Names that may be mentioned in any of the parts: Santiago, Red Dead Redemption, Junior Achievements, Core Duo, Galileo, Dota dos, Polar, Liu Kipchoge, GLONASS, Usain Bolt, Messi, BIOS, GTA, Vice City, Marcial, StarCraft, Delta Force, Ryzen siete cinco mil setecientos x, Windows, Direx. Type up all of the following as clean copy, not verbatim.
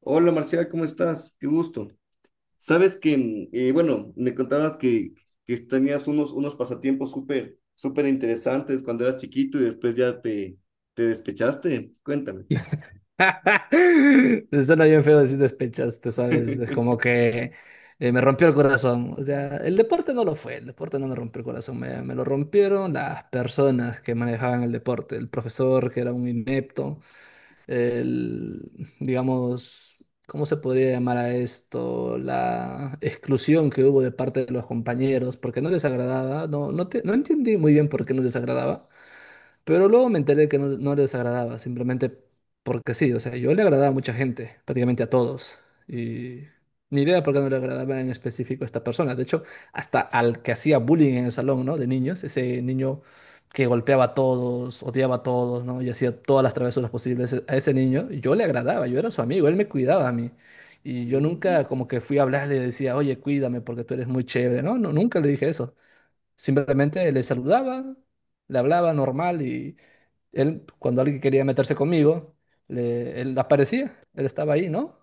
Hola Marcial, ¿cómo estás? Qué gusto. Sabes que, bueno, me contabas que tenías unos pasatiempos súper, súper interesantes cuando eras chiquito y después ya te despechaste. Cuéntame. Suena bien feo decir despechaste, ¿sabes? Es como que me rompió el corazón. O sea, el deporte no lo fue, el deporte no me rompió el corazón, me lo rompieron las personas que manejaban el deporte, el profesor que era un inepto, el, digamos, ¿cómo se podría llamar a esto? La exclusión que hubo de parte de los compañeros porque no les agradaba, no, no, no entendí muy bien por qué no les agradaba, pero luego me enteré que no les agradaba, simplemente porque sí, o sea, yo le agradaba a mucha gente, prácticamente a todos. Y ni idea por qué no le agradaba en específico a esta persona. De hecho, hasta al que hacía bullying en el salón, ¿no? De niños, ese niño que golpeaba a todos, odiaba a todos, ¿no? Y hacía todas las travesuras posibles, e, a ese niño, yo le agradaba, yo era su amigo, él me cuidaba a mí. Y yo nunca Mm, como que fui a hablarle y le decía, oye, cuídame porque tú eres muy chévere, ¿no? No, nunca le dije eso. Simplemente le saludaba, le hablaba normal y, él, cuando alguien quería meterse conmigo, él aparecía, él estaba ahí, ¿no?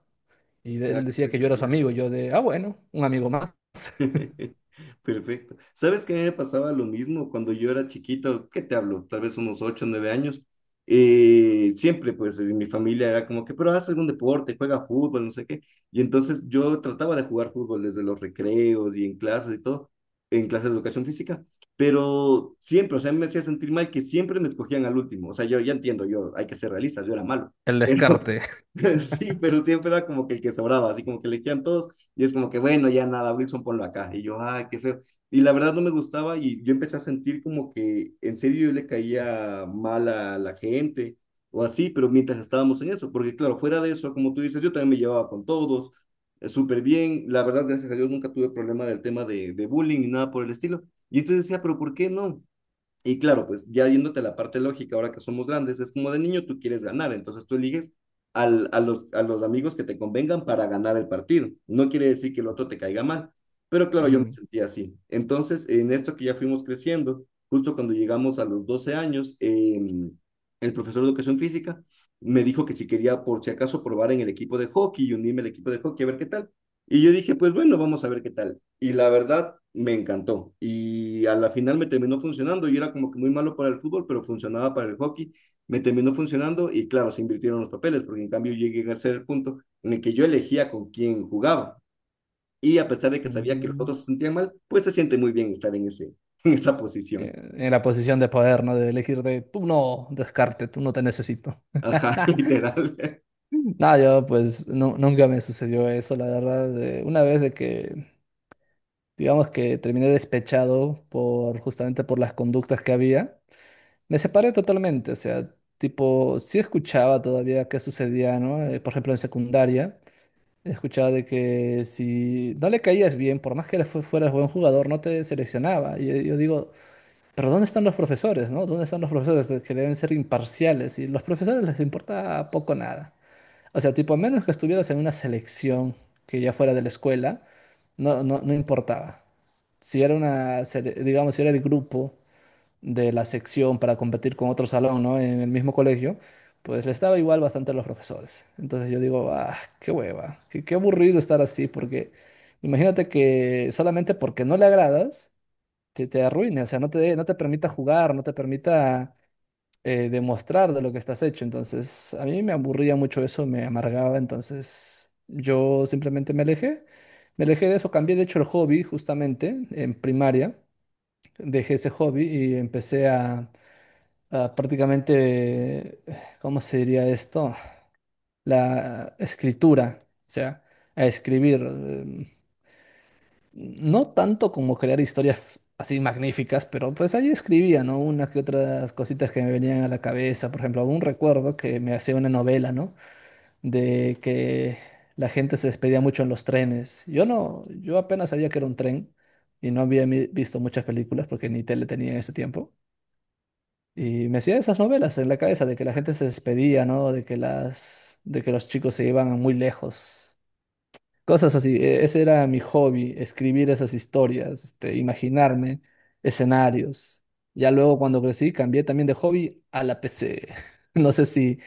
Y ah, él qué decía que yo era su espectacular. amigo, yo de, ah, bueno, un amigo más. Perfecto. ¿Sabes que me pasaba lo mismo cuando yo era chiquito? ¿Qué te hablo? Tal vez unos 8 9 años. Siempre, pues, en mi familia era como que, pero haz algún deporte, juega fútbol, no sé qué. Y entonces yo trataba de jugar fútbol desde los recreos y en clases y todo, en clases de educación física, pero siempre, o sea, me hacía sentir mal que siempre me escogían al último. O sea, yo ya entiendo, yo hay que ser realistas, yo era malo, El pero descarte. sí, pero siempre era como que el que sobraba, así como que le quedan todos y es como que, bueno, ya nada, Wilson, ponlo acá. Y yo, ay, qué feo. Y la verdad no me gustaba y yo empecé a sentir como que en serio yo le caía mal a la gente o así, pero mientras estábamos en eso, porque claro, fuera de eso, como tú dices, yo también me llevaba con todos, súper bien, la verdad, gracias a Dios nunca tuve problema del tema de bullying ni nada por el estilo. Y entonces decía, pero ¿por qué no? Y claro, pues ya yéndote a la parte lógica, ahora que somos grandes, es como de niño tú quieres ganar, entonces tú eliges a los amigos que te convengan para ganar el partido. No quiere decir que el otro te caiga mal, pero claro, yo me Mm, sentía así. Entonces, en esto que ya fuimos creciendo, justo cuando llegamos a los 12 años, el profesor de educación física me dijo que si quería, por si acaso, probar en el equipo de hockey y unirme al equipo de hockey a ver qué tal. Y yo dije, pues bueno, vamos a ver qué tal y la verdad me encantó. Y a la final me terminó funcionando. Yo era como que muy malo para el fútbol, pero funcionaba para el hockey. Me terminó funcionando y claro, se invirtieron los papeles, porque en cambio llegué a ser el punto en el que yo elegía con quién jugaba. Y a pesar de que sabía que los mm. otros se sentían mal, pues se siente muy bien estar en esa Eh, posición. en la posición de poder, ¿no? De elegir de, tú no, descarte, tú no te necesito. Ajá, literal. Nada, yo pues nunca me sucedió eso, la verdad. Una vez de que, digamos que terminé despechado por justamente por las conductas que había. Me separé totalmente, o sea, tipo, sí escuchaba todavía qué sucedía, ¿no? Por ejemplo, en secundaria, escuchaba de que si no le caías bien, por más que le fueras buen jugador, no te seleccionaba. Y yo digo, pero ¿dónde están los profesores, no? ¿Dónde están los profesores que deben ser imparciales? Y los profesores les importa poco nada. O sea, tipo, a menos que estuvieras en una selección que ya fuera de la escuela, no, no, no importaba. Si era una, digamos, si era el grupo de la sección para competir con otro salón, ¿no? En el mismo colegio, pues le estaba igual bastante a los profesores. Entonces yo digo, ah, qué hueva, qué aburrido estar así, porque imagínate que solamente porque no le agradas, te arruine, o sea, no te permita jugar, no te permita demostrar de lo que estás hecho. Entonces a mí me aburría mucho eso, me amargaba, entonces yo simplemente me alejé. Me alejé de eso, cambié de hecho el hobby justamente en primaria, dejé ese hobby y empecé a, ah, prácticamente, ¿cómo se diría esto? La escritura, o sea, a escribir. No tanto como crear historias así magníficas, pero pues ahí escribía, ¿no? Unas que otras cositas que me venían a la cabeza. Por ejemplo, un recuerdo que me hacía una novela, ¿no? De que la gente se despedía mucho en los trenes. Yo no, yo apenas sabía que era un tren y no había visto muchas películas porque ni tele tenía en ese tiempo. Y me hacía esas novelas en la cabeza de que la gente se despedía, ¿no? De que los chicos se iban muy lejos. Cosas así. Ese era mi hobby, escribir esas historias, este, imaginarme escenarios. Ya luego cuando crecí cambié también de hobby a la PC. No sé si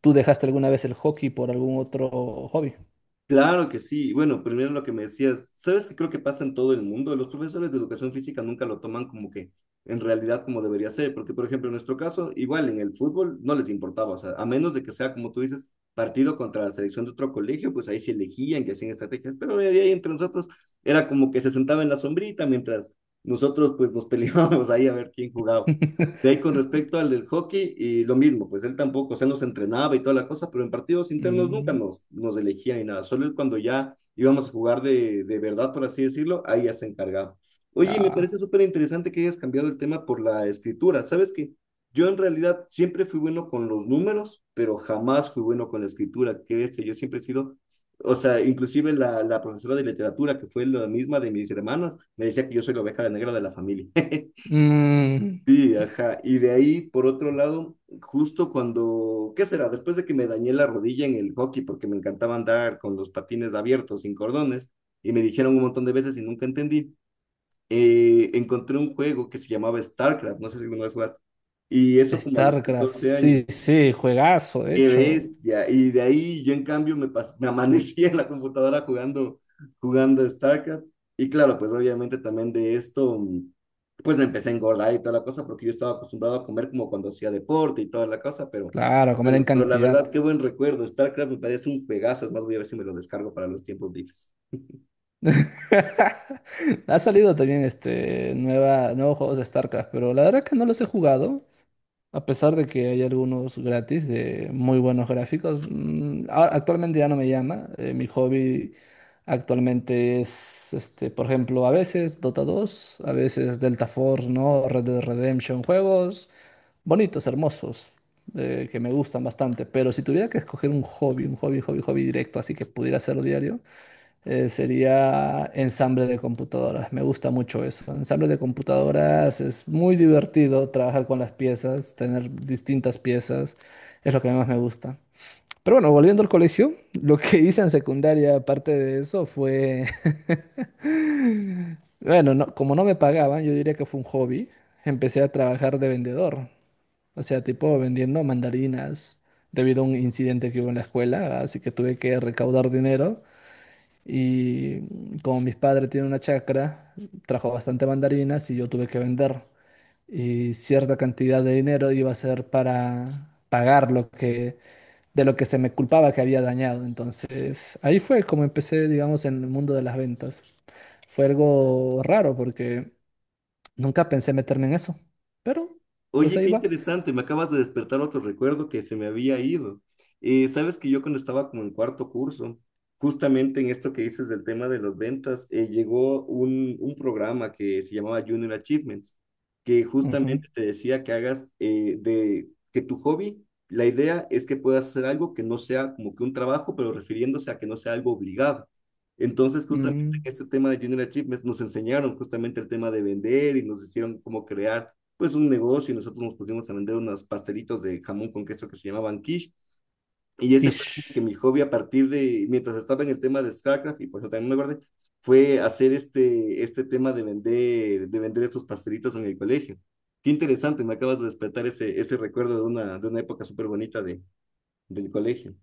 tú dejaste alguna vez el hockey por algún otro hobby. Claro que sí. Bueno, primero lo que me decías, ¿sabes qué creo que pasa en todo el mundo? Los profesores de educación física nunca lo toman como que en realidad como debería ser, porque por ejemplo en nuestro caso, igual en el fútbol no les importaba, o sea, a menos de que sea como tú dices, partido contra la selección de otro colegio, pues ahí se elegían que hacían estrategias, pero de ahí entre nosotros era como que se sentaba en la sombrita mientras nosotros pues nos peleábamos ahí a ver quién jugaba. De ahí con respecto al del hockey, y lo mismo, pues él tampoco, o sea, nos entrenaba y toda la cosa, pero en partidos internos nunca Mm, nos elegía ni nada, solo él cuando ya íbamos a jugar de verdad, por así decirlo, ahí ya se encargaba. Oye, me ah. parece súper interesante que hayas cambiado el tema por la escritura. Sabes que yo en realidad siempre fui bueno con los números, pero jamás fui bueno con la escritura, que este, yo siempre he sido, o sea, inclusive la profesora de literatura, que fue la misma de mis hermanas, me decía que yo soy la oveja negra de la familia. Mm, Sí, ajá. Y de ahí, por otro lado, justo cuando, ¿qué será? Después de que me dañé la rodilla en el hockey, porque me encantaba andar con los patines abiertos, sin cordones, y me dijeron un montón de veces y nunca entendí, encontré un juego que se llamaba StarCraft, no sé si alguna vez jugaste, y eso como a los StarCraft, 14 años. sí, sí, juegazo, de Qué hecho. bestia. Y de ahí yo en cambio me amanecía en la computadora jugando, StarCraft. Y claro, pues obviamente también de esto, pues me empecé a engordar y toda la cosa, porque yo estaba acostumbrado a comer como cuando hacía deporte y toda la cosa, pero Claro, comer en bueno, pero la cantidad. verdad, qué buen recuerdo. StarCraft me parece un juegazo, es más, voy a ver si me lo descargo para los tiempos libres. Ha salido también este nueva, nuevos juegos de StarCraft, pero la verdad que no los he jugado, a pesar de que hay algunos gratis de muy buenos gráficos. Mm, actualmente ya no me llama. Mi hobby actualmente es este, por ejemplo, a veces Dota 2, a veces Delta Force, ¿no? Red Dead Redemption, juegos bonitos, hermosos, que me gustan bastante. Pero si tuviera que escoger un hobby, hobby, hobby directo, así que pudiera hacerlo diario, sería ensamble de computadoras. Me gusta mucho eso. Ensamble de computadoras es muy divertido, trabajar con las piezas, tener distintas piezas. Es lo que más me gusta. Pero bueno, volviendo al colegio, lo que hice en secundaria, aparte de eso, fue... Bueno, como no me pagaban, yo diría que fue un hobby. Empecé a trabajar de vendedor. O sea, tipo vendiendo mandarinas debido a un incidente que hubo en la escuela, así que tuve que recaudar dinero. Y como mis padres tienen una chacra, trajo bastante mandarinas y yo tuve que vender. Y cierta cantidad de dinero iba a ser para pagar lo que, de lo que se me culpaba que había dañado. Entonces, ahí fue como empecé, digamos, en el mundo de las ventas. Fue algo raro porque nunca pensé meterme en eso. Pero, pues Oye, ahí qué va. interesante, me acabas de despertar otro recuerdo que se me había ido. Sabes que yo cuando estaba como en cuarto curso, justamente en esto que dices del tema de las ventas, llegó un programa que se llamaba Junior Achievements, que Ujú. justamente te decía que hagas, de que tu hobby, la idea es que puedas hacer algo que no sea como que un trabajo, pero refiriéndose a que no sea algo obligado. Entonces, justamente en Mm, este tema de Junior Achievements nos enseñaron justamente el tema de vender y nos hicieron como crear pues un negocio y nosotros nos pusimos a vender unos pastelitos de jamón con queso que se llamaban quiche. Y ese fue como que quiche. mi hobby a partir de, mientras estaba en el tema de StarCraft, y por eso también me guardé, fue hacer este tema de vender estos pastelitos en el colegio. Qué interesante, me acabas de despertar ese recuerdo de una época súper bonita del colegio.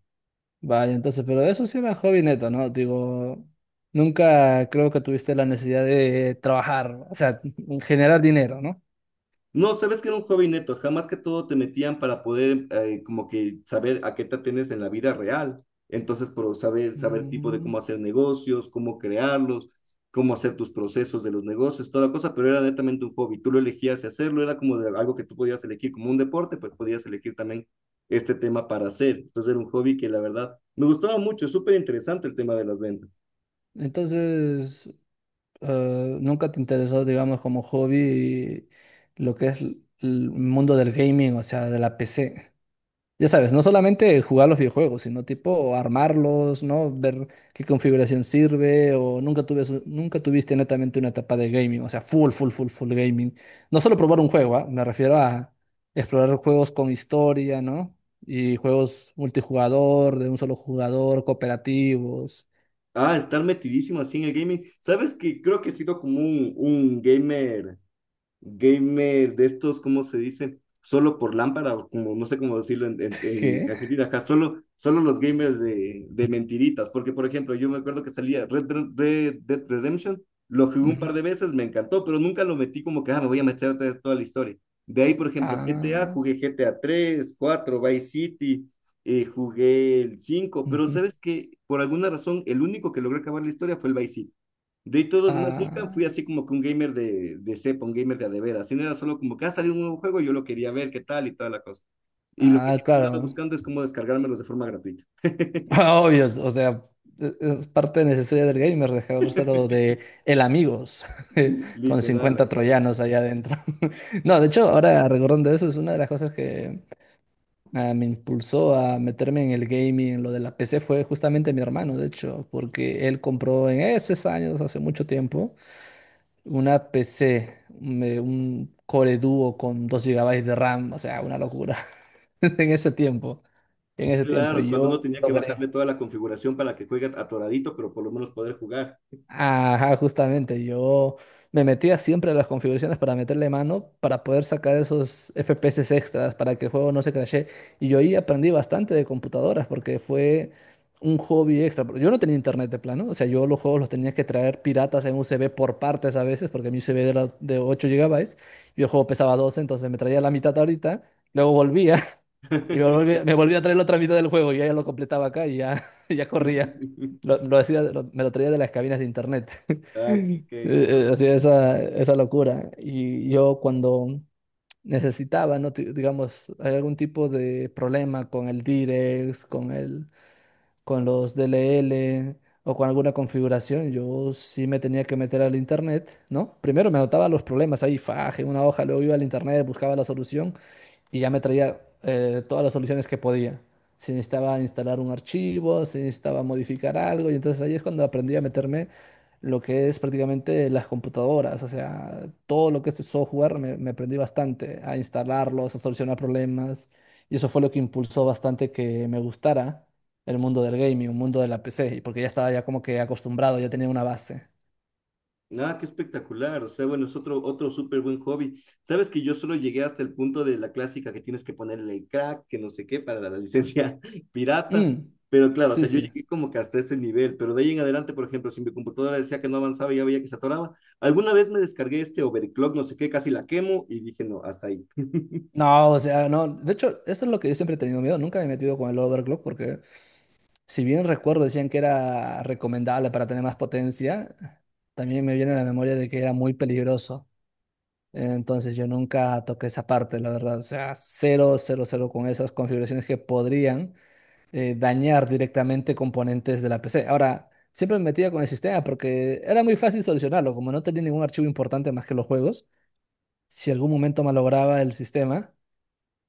Vaya, entonces, pero eso sí era hobby neto, ¿no? Digo, nunca creo que tuviste la necesidad de trabajar, o sea, generar dinero, ¿no? No, sabes que era un hobby neto, jamás que todo te metían para poder como que saber a qué te atienes en la vida real. Entonces, por saber tipo de Ujú. cómo hacer negocios, cómo crearlos, cómo hacer tus procesos de los negocios, toda la cosa, pero era netamente un hobby. Tú lo elegías y hacerlo, era como de algo que tú podías elegir como un deporte, pues podías elegir también este tema para hacer. Entonces era un hobby que la verdad me gustaba mucho, súper interesante el tema de las ventas. Entonces, nunca te interesó, digamos, como hobby lo que es el mundo del gaming, o sea, de la PC. Ya sabes, no solamente jugar los videojuegos, sino tipo armarlos, ¿no? Ver qué configuración sirve. O nunca tuve, su- nunca tuviste netamente una etapa de gaming, o sea, full, full, full, full gaming. No solo probar un juego, ¿ah? Me refiero a explorar juegos con historia, ¿no? Y juegos multijugador, de un solo jugador, cooperativos. Ah, estar metidísimo así en el gaming. Sabes que creo que he sido como un gamer gamer de estos, ¿cómo se dice? Solo por lámpara, o como no sé cómo decirlo en, en, en ¿Qué? Argentina, ajá, solo los gamers de mentiritas, porque por ejemplo, yo me acuerdo que salía Red Dead Redemption, lo jugué un Ujú. par de veces, me encantó, pero nunca lo metí como que, ah, me voy a meter a ver toda la historia. De ahí, por ejemplo, GTA, Ah, jugué GTA 3, 4, Vice City, jugué el cinco, pero ujú. sabes que por alguna razón el único que logró acabar la historia fue el Vice City. De todos los demás, nunca Ah, fui así como que un gamer de cepa, un gamer de a de veras, sino era solo como que ha salido un nuevo juego, yo lo quería ver, qué tal y toda la cosa. Y lo que ah, siempre andaba claro. buscando es cómo descargármelos de forma gratuita. Ah, obvio, o sea, es parte necesaria del gamer dejárselo de el amigos con Literal. 50 Ajá. Claro, troyanos allá adentro. No, de hecho, ahora recordando eso, es una de las cosas que ah, me impulsó a meterme en el gaming, en lo de la PC, fue justamente mi hermano, de hecho, porque él compró en esos años, hace mucho tiempo, una PC, un Core Duo con 2 GB de RAM, o sea, una locura en ese tiempo. En ese tiempo, claro, cuando uno yo tenía que logré. bajarle toda la configuración para que juegue atoradito, pero por lo menos poder jugar. Ajá, justamente, yo me metía siempre a las configuraciones para meterle mano, para poder sacar esos FPS extras, para que el juego no se crashe. Y yo ahí aprendí bastante de computadoras, porque fue un hobby extra. Pero yo no tenía internet de plano, o sea, yo los juegos los tenía que traer piratas en USB por partes a veces, porque mi USB era de 8 GB y el juego pesaba 12, entonces me traía la mitad ahorita, luego volvía y me volvía a traer la otra mitad del juego y ya, ya lo completaba acá y ya, ya corría. Lo me lo traía de las cabinas de internet, Ah, qué, qué, qué loco. Hacía esa, esa locura. Y yo cuando necesitaba, ¿no? Digamos, hay algún tipo de problema con el Direx, con el, con los D L L o con alguna configuración, yo sí me tenía que meter al internet, ¿no? Primero me anotaba los problemas ahí, faje, una hoja, luego iba al internet, buscaba la solución y ya me traía todas las soluciones que podía. Si necesitaba instalar un archivo, si necesitaba modificar algo, y entonces ahí es cuando aprendí a meterme lo que es prácticamente las computadoras, o sea, todo lo que es el software, me aprendí bastante a instalarlos, a solucionar problemas, y eso fue lo que impulsó bastante que me gustara el mundo del gaming, un mundo de la PC, y porque ya estaba ya como que acostumbrado, ya tenía una base. Ah, qué espectacular. O sea, bueno, es otro súper buen hobby. Sabes que yo solo llegué hasta el punto de la clásica que tienes que ponerle el crack, que no sé qué, para la licencia pirata. Mm, Pero claro, o sea, sí, yo sí. llegué como que hasta este nivel. Pero de ahí en adelante, por ejemplo, si mi computadora decía que no avanzaba y ya veía que se atoraba, alguna vez me descargué este overclock, no sé qué, casi la quemo y dije, no, hasta ahí. No, o sea, no. De hecho, eso es lo que yo siempre he tenido miedo. Nunca me he metido con el overclock porque, si bien recuerdo, decían que era recomendable para tener más potencia, también me viene a la memoria de que era muy peligroso. Entonces yo nunca toqué esa parte, la verdad. O sea, cero, cero, cero con esas configuraciones que podrían dañar directamente componentes de la PC. Ahora, siempre me metía con el sistema porque era muy fácil solucionarlo, como no tenía ningún archivo importante más que los juegos. Si algún momento malograba el sistema,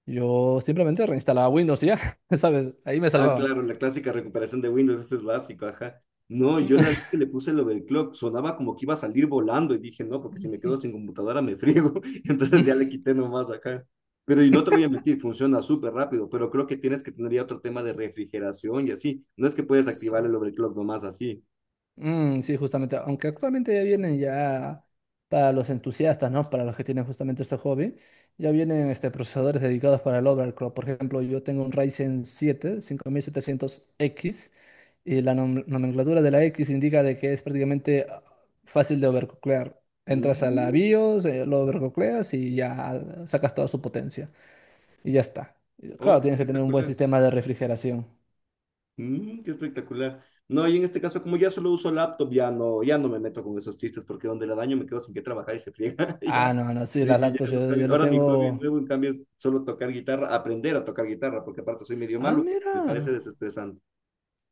yo simplemente reinstalaba Windows y ya, ¿sabes? Ahí me Ah, salvaba. claro, la clásica recuperación de Windows, ese es básico, ajá. No, yo la vez que le puse el overclock sonaba como que iba a salir volando y dije, no, porque si me quedo sin computadora me friego. Entonces ya le quité nomás acá. Pero y no te voy a mentir, funciona súper rápido, pero creo que tienes que tener ya otro tema de refrigeración y así. No es que puedes Sí. activar el overclock nomás así. Mm, sí, justamente, aunque actualmente ya vienen ya para los entusiastas, ¿no? Para los que tienen justamente este hobby, ya vienen este, procesadores dedicados para el overclock. Por ejemplo, yo tengo un Ryzen 7 5700X. Y la nomenclatura de la X indica de que es prácticamente ah, fácil de overclockear. Entras a la Mm, BIOS, lo overclockeas y ya ah, sacas toda su potencia. Y ya está. Y Oh, claro, qué tienes que tener un buen espectacular. sistema de refrigeración. Qué espectacular. No, y en este caso, como ya solo uso laptop, ya no me meto con esos chistes porque donde la daño me quedo sin qué trabajar y se friega. Ah, Ya, no, no, sí, sí, las ya laptops esos yo, yo hobbies. le Ahora mi hobby tengo... nuevo, en cambio, es solo tocar guitarra, aprender a tocar guitarra, porque aparte soy medio Ah, malo, pero me mira. parece desestresante.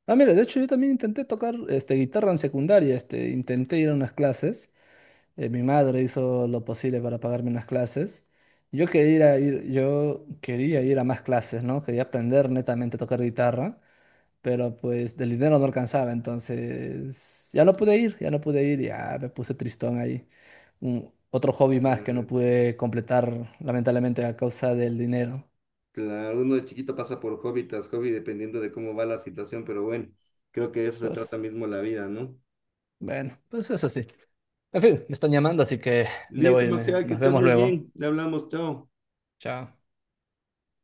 Ah, mira, de hecho yo también intenté tocar este, guitarra en secundaria. Este, intenté ir a unas clases. Mi madre hizo lo posible para pagarme unas clases. Yo quería ir, yo quería ir a más clases, ¿no? Quería aprender netamente a tocar guitarra, pero pues del dinero no alcanzaba, entonces ya no pude ir, ya me puse tristón ahí. Otro hobby más que no Mm, pude completar, lamentablemente, a causa del dinero. claro, uno de chiquito pasa por hobby tras hobby dependiendo de cómo va la situación, pero bueno, creo que de eso se trata Pues mismo la vida, ¿no? bueno, pues eso sí. En fin, me están llamando, así que debo Listo, irme. Marcial, que Nos estés vemos muy luego. bien. Le hablamos, chao. Chao.